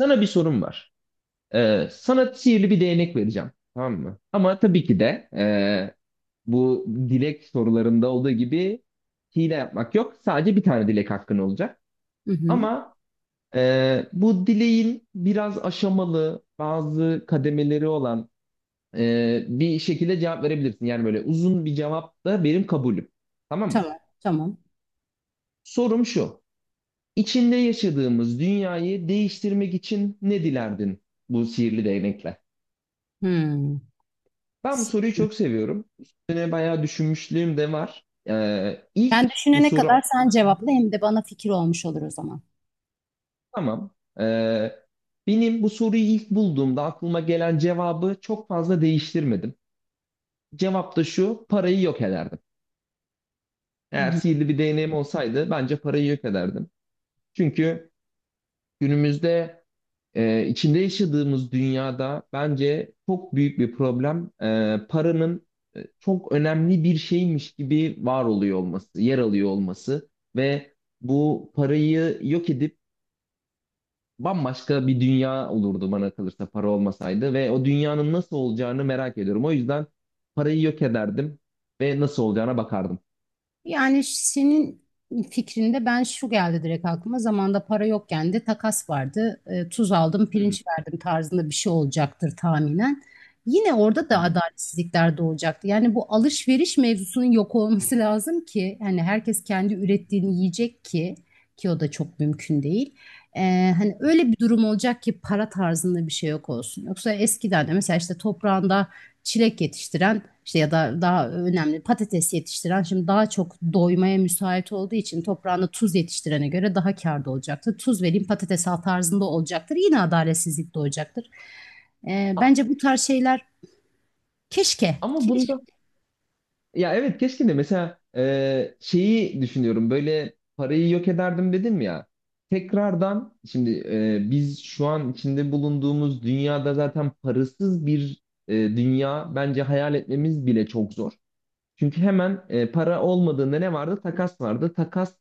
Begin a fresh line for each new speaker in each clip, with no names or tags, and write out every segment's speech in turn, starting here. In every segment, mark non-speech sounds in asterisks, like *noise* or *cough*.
Sana bir sorum var. Sana sihirli bir değnek vereceğim. Tamam mı? Ama tabii ki de bu dilek sorularında olduğu gibi hile yapmak yok. Sadece bir tane dilek hakkın olacak.
Hı hı.
Ama bu dileğin biraz aşamalı, bazı kademeleri olan bir şekilde cevap verebilirsin. Yani böyle uzun bir cevap da benim kabulüm. Tamam mı?
Tamam, tamam.
Sorum şu. İçinde yaşadığımız dünyayı değiştirmek için ne dilerdin bu sihirli değnekle?
Hmm.
Ben bu
S-
soruyu çok seviyorum. Üstüne bayağı düşünmüşlüğüm de var.
Ben
İlk bu
düşünene
soru
kadar sen cevapla, hem de bana fikir olmuş olur o zaman.
tamam. Ee, Benim bu soruyu ilk bulduğumda aklıma gelen cevabı çok fazla değiştirmedim. Cevap da şu, parayı yok ederdim.
Hı
Eğer
hı.
sihirli bir değneğim olsaydı bence parayı yok ederdim. Çünkü günümüzde içinde yaşadığımız dünyada bence çok büyük bir problem paranın çok önemli bir şeymiş gibi var oluyor olması, yer alıyor olması ve bu parayı yok edip bambaşka bir dünya olurdu bana kalırsa para olmasaydı ve o dünyanın nasıl olacağını merak ediyorum. O yüzden parayı yok ederdim ve nasıl olacağına bakardım.
Yani senin fikrinde ben şu geldi direkt aklıma. Zamanda para yokken de takas vardı. Tuz aldım,
Hı hı.
pirinç verdim tarzında bir şey olacaktır tahminen. Yine orada
Hı
da
hı.
adaletsizlikler doğacaktı. Yani bu alışveriş mevzusunun yok olması lazım ki hani herkes kendi ürettiğini yiyecek ki o da çok mümkün değil. Hani öyle bir durum olacak ki para tarzında bir şey yok olsun. Yoksa eskiden de mesela işte toprağında çilek yetiştiren, işte ya da daha önemli patates yetiştiren şimdi daha çok doymaya müsait olduğu için toprağında tuz yetiştirene göre daha kârda olacaktır. Tuz vereyim patates al tarzında olacaktır. Yine adaletsizlik doğacaktır.
A-
Bence bu tarz şeyler keşke.
Ama
Keşke.
bunda ya evet keşke de mesela şeyi düşünüyorum böyle parayı yok ederdim dedim ya tekrardan şimdi biz şu an içinde bulunduğumuz dünyada zaten parasız bir dünya bence hayal etmemiz bile çok zor. Çünkü hemen para olmadığında ne vardı? Takas vardı. Takas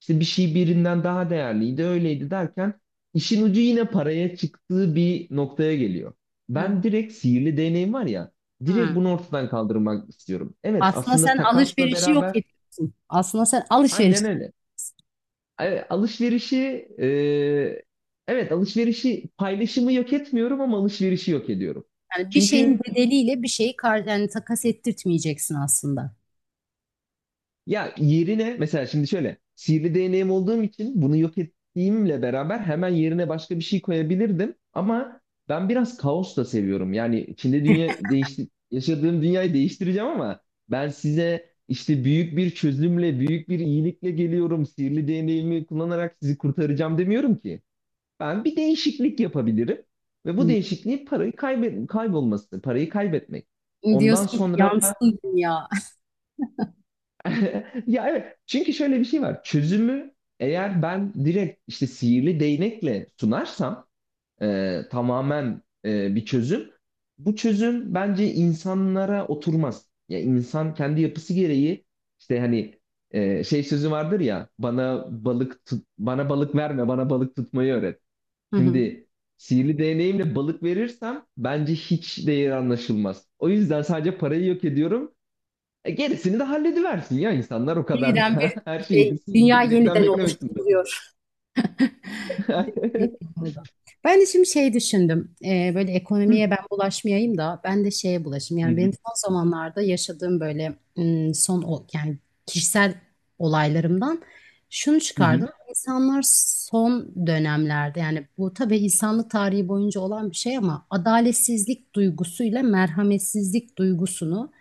işte bir şey birinden daha değerliydi, öyleydi derken işin ucu yine paraya çıktığı bir noktaya geliyor.
Evet.
Ben direkt sihirli değneğim var ya, direkt
Hı.
bunu ortadan kaldırmak istiyorum. Evet,
Aslında
aslında
sen
takasla
alışverişi yok
beraber
ediyorsun. Aslında sen alışveriş,
aynen öyle. Alışverişi e, evet alışverişi paylaşımı yok etmiyorum ama alışverişi yok ediyorum.
yani bir şeyin
Çünkü
bedeliyle bir şeyi kar, yani takas ettirtmeyeceksin aslında.
ya yerine mesela şimdi şöyle sihirli değneğim olduğum için bunu yok ettiğimle beraber hemen yerine başka bir şey koyabilirdim. Ama ben biraz kaos da seviyorum. Yani içinde dünya değişti, yaşadığım dünyayı değiştireceğim ama ben size işte büyük bir çözümle, büyük bir iyilikle geliyorum. Sihirli değneğimi kullanarak sizi kurtaracağım demiyorum ki. Ben bir değişiklik yapabilirim ve bu
Hı.
değişikliği parayı kaybet kaybolması, parayı kaybetmek. Ondan
Diyorsun ki
sonra
yansın dünya.
*laughs* ya evet çünkü şöyle bir şey var çözümü eğer ben direkt işte sihirli değnekle sunarsam tamamen bir çözüm bu çözüm bence insanlara oturmaz. Ya insan kendi yapısı gereği işte hani şey sözü vardır ya bana balık tut, bana balık verme bana balık tutmayı öğret.
*laughs*
Şimdi sihirli değneğimle balık verirsem bence hiç değeri anlaşılmaz. O yüzden sadece parayı yok ediyorum gerisini de hallediversin ya insanlar o kadar
Yeniden
da *laughs* her şeyi bir sivri
dünya
değnekten
yeniden
beklemesinler.
oluşturuluyor. Bir
*laughs*
film oldu. Ben de şimdi şey düşündüm. Böyle
Hı
ekonomiye ben bulaşmayayım da ben de şeye bulaşayım. Yani
hı,
benim son zamanlarda yaşadığım böyle yani kişisel olaylarımdan şunu
hı hı,
çıkardım. İnsanlar son dönemlerde, yani bu tabii insanlık tarihi boyunca olan bir şey, ama adaletsizlik duygusuyla merhametsizlik duygusunu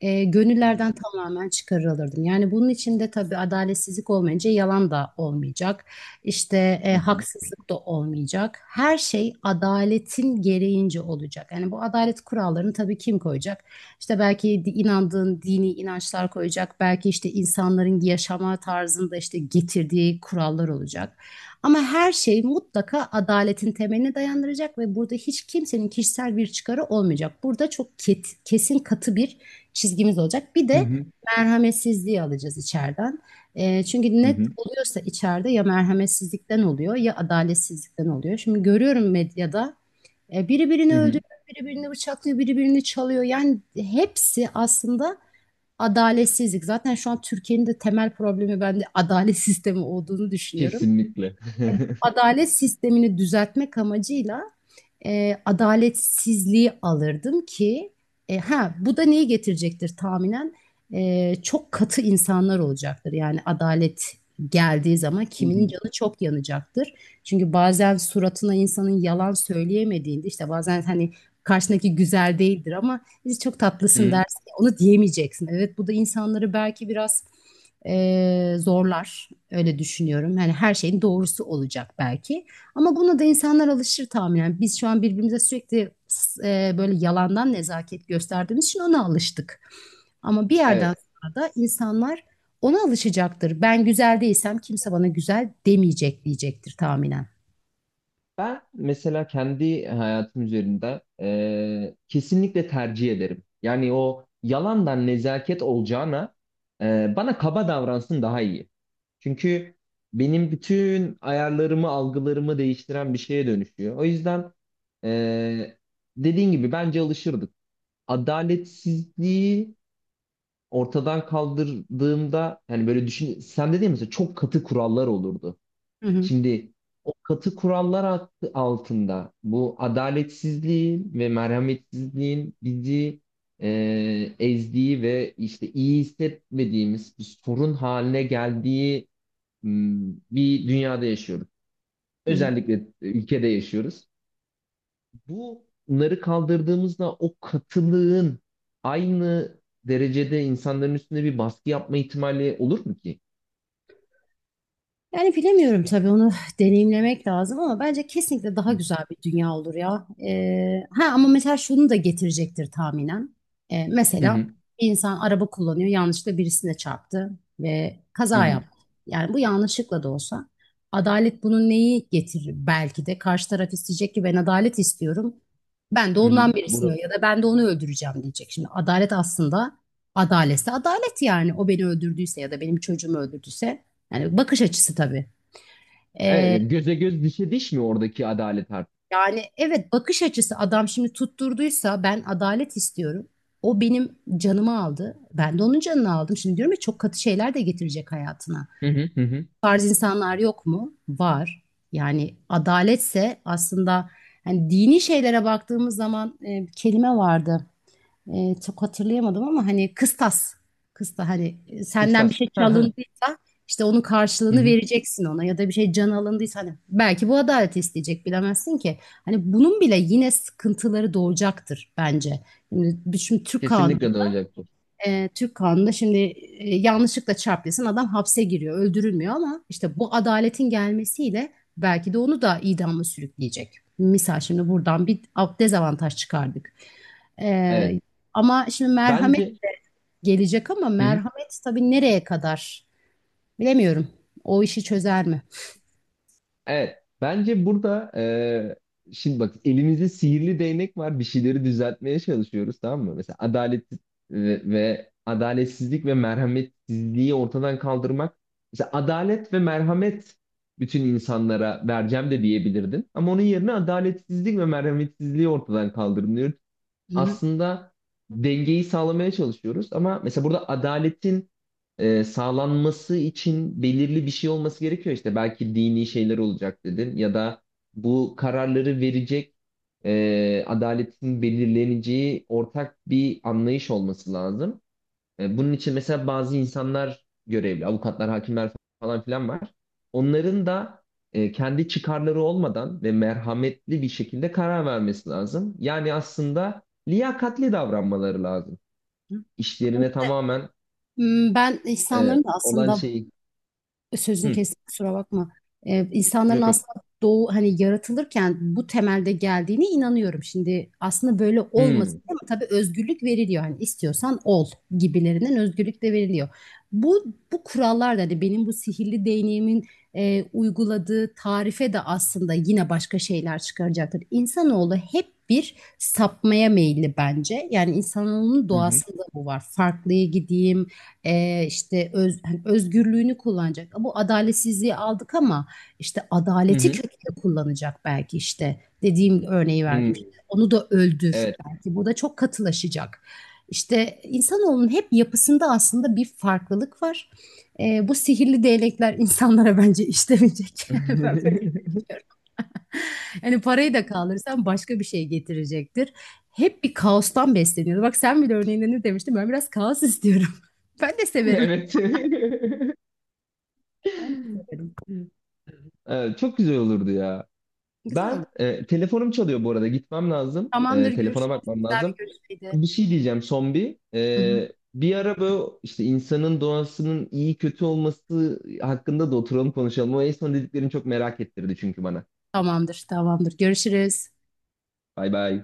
hmm,
gönüllerden tamamen çıkarılırdım. Yani bunun içinde tabii adaletsizlik olmayınca yalan da olmayacak. İşte
hı hı,
haksızlık da olmayacak. Her şey adaletin gereğince olacak. Yani bu adalet kurallarını tabii kim koyacak? İşte belki inandığın dini inançlar koyacak. Belki işte insanların yaşama tarzında işte getirdiği kurallar olacak. Ama her şey mutlaka adaletin temeline dayandıracak ve burada hiç kimsenin kişisel bir çıkarı olmayacak. Burada çok kesin katı bir çizgimiz olacak. Bir
hı
de
hı,
merhametsizliği alacağız içeriden. Çünkü
hı
net
hı,
oluyorsa içeride ya merhametsizlikten oluyor ya adaletsizlikten oluyor. Şimdi görüyorum medyada biri birini
hı hı.
öldürüyor, biri birini bıçaklıyor, biri birini çalıyor. Yani hepsi aslında adaletsizlik. Zaten şu an Türkiye'nin de temel problemi ben de *laughs* adalet sistemi olduğunu düşünüyorum.
Kesinlikle. *laughs*
Adalet sistemini düzeltmek amacıyla adaletsizliği alırdım ki ha bu da neyi getirecektir tahminen. Çok katı insanlar olacaktır. Yani adalet geldiği zaman
Hı hı,
kiminin canı çok yanacaktır. Çünkü bazen suratına insanın yalan söyleyemediğinde, işte bazen hani karşındaki güzel değildir ama biz çok
hı
tatlısın
hı.
dersin ya, onu diyemeyeceksin. Evet, bu da insanları belki biraz zorlar öyle düşünüyorum. Yani her şeyin doğrusu olacak belki. Ama buna da insanlar alışır tahminen. Biz şu an birbirimize sürekli böyle yalandan nezaket gösterdiğimiz için ona alıştık. Ama bir yerden
Evet.
sonra da insanlar ona alışacaktır. Ben güzel değilsem kimse bana güzel demeyecek diyecektir tahminen.
Ben mesela kendi hayatım üzerinde kesinlikle tercih ederim. Yani o yalandan nezaket olacağına bana kaba davransın daha iyi. Çünkü benim bütün ayarlarımı, algılarımı değiştiren bir şeye dönüşüyor. O yüzden eee dediğin gibi bence alışırdık. Adaletsizliği ortadan kaldırdığımda yani böyle düşün sen dediğin mesela çok katı kurallar olurdu.
Hı hı.
Şimdi o katı kurallar altında bu adaletsizliğin ve merhametsizliğin bizi ezdiği ve işte iyi hissetmediğimiz bir sorun haline geldiği bir dünyada yaşıyoruz.
Hı hı.
Özellikle ülkede yaşıyoruz. Bunları kaldırdığımızda o katılığın aynı derecede insanların üstünde bir baskı yapma ihtimali olur mu ki?
Yani bilemiyorum tabii, onu deneyimlemek lazım, ama bence kesinlikle daha güzel bir dünya olur ya. Ha ama mesela şunu da getirecektir tahminen.
Hı
Mesela
hı,
bir insan araba kullanıyor, yanlışlıkla birisine çarptı ve
hı
kaza
hı,
yaptı. Yani bu yanlışlıkla da olsa adalet bunun neyi getirir, belki de karşı taraf isteyecek ki ben adalet istiyorum. Ben de
hı hı.
ondan birisini
Bunu,
ya da ben de onu öldüreceğim diyecek. Şimdi adalet aslında adaletse adalet, yani o beni öldürdüyse ya da benim çocuğumu öldürdüyse, yani bakış açısı tabii.
evet,
Ee,
yani göze göz dişe diş mi oradaki adalet artık?
Yani evet, bakış açısı, adam şimdi tutturduysa ben adalet istiyorum. O benim canımı aldı. Ben de onun canını aldım. Şimdi diyorum ya çok katı şeyler de getirecek hayatına.
Hı hı, hı hı.
Bu tarz insanlar yok mu? Var. Yani adaletse aslında hani dini şeylere baktığımız zaman bir kelime vardı. Çok hatırlayamadım ama hani kıstas. Kısta hani senden bir
Kıstas.
şey
Hı hı,
çalındıysa işte onun
hı
karşılığını
hı.
vereceksin ona, ya da bir şey can alındıysa hani belki bu adaleti isteyecek bilemezsin ki. Hani bunun bile yine sıkıntıları doğacaktır bence. Şimdi, Türk kanunu
Kesinlikle doğacaktır.
Türk kanununda şimdi yanlışlıkla çarpılsın adam, hapse giriyor, öldürülmüyor, ama işte bu adaletin gelmesiyle belki de onu da idama sürükleyecek. Misal şimdi buradan bir dezavantaj çıkardık.
Evet.
E, Ama şimdi merhamet
Bence
gelecek, ama
hı hı.
merhamet tabii nereye kadar bilemiyorum. O işi çözer mi?
Evet. Bence burada şimdi bak elimizde sihirli değnek var. Bir şeyleri düzeltmeye çalışıyoruz tamam mı? Mesela adalet ve adaletsizlik ve merhametsizliği ortadan kaldırmak. Mesela adalet ve merhamet bütün insanlara vereceğim de diyebilirdin. Ama onun yerine adaletsizlik ve merhametsizliği ortadan kaldırılıyor
Hı hı.
aslında dengeyi sağlamaya çalışıyoruz ama mesela burada adaletin sağlanması için belirli bir şey olması gerekiyor işte belki dini şeyler olacak dedin ya da bu kararları verecek adaletin belirleneceği ortak bir anlayış olması lazım. Bunun için mesela bazı insanlar görevli, avukatlar, hakimler falan filan var. Onların da kendi çıkarları olmadan ve merhametli bir şekilde karar vermesi lazım. Yani aslında liyakatli davranmaları lazım. İşlerine tamamen
Ben
e,
insanların da
olan
aslında
şeyi...
sözünü
Hı,
kestim, kusura bakma. İnsanların
yok yok.
aslında doğu hani yaratılırken bu temelde geldiğine inanıyorum. Şimdi aslında böyle olmasın,
Hı,
ama tabii özgürlük veriliyor. Hani istiyorsan ol gibilerinden özgürlük de veriliyor. Bu bu kurallar da hani benim bu sihirli değneğimin uyguladığı tarife de aslında yine başka şeyler çıkaracaktır. İnsanoğlu hep bir sapmaya meyilli bence. Yani insanoğlunun
hı,
doğasında bu var. Farklıya gideyim, işte özgürlüğünü kullanacak. Bu adaletsizliği aldık, ama işte
hı,
adaleti
hı,
kötüye kullanacak belki işte. Dediğim örneği
hı,
verdim. İşte
hı.
onu da öldür.
Evet.
Belki bu da çok katılaşacak. İşte insanoğlunun hep yapısında aslında bir farklılık var. Bu sihirli değnekler insanlara bence işlemeyecek. *laughs* Ben böyle
*laughs*
düşünüyorum. Yani parayı da kaldırırsan başka bir şey getirecektir. Hep bir kaostan besleniyoruz. Bak sen bile örneğinde ne demiştin? Ben biraz kaos istiyorum. *laughs* Ben de severim.
Evet. *laughs*
Ben de severim.
Evet, çok güzel olurdu ya.
Güzel olur.
Ben telefonum çalıyor bu arada. Gitmem lazım.
Tamamdır,
Telefona
görüşürüz.
bakmam
Güzel bir
lazım.
görüşmeydi.
Bir şey diyeceğim son bir.
Hı hı.
Bir ara böyle işte insanın doğasının iyi kötü olması hakkında da oturalım konuşalım. O en son dediklerini çok merak ettirdi çünkü bana.
Tamamdır, görüşürüz.
Bay bay.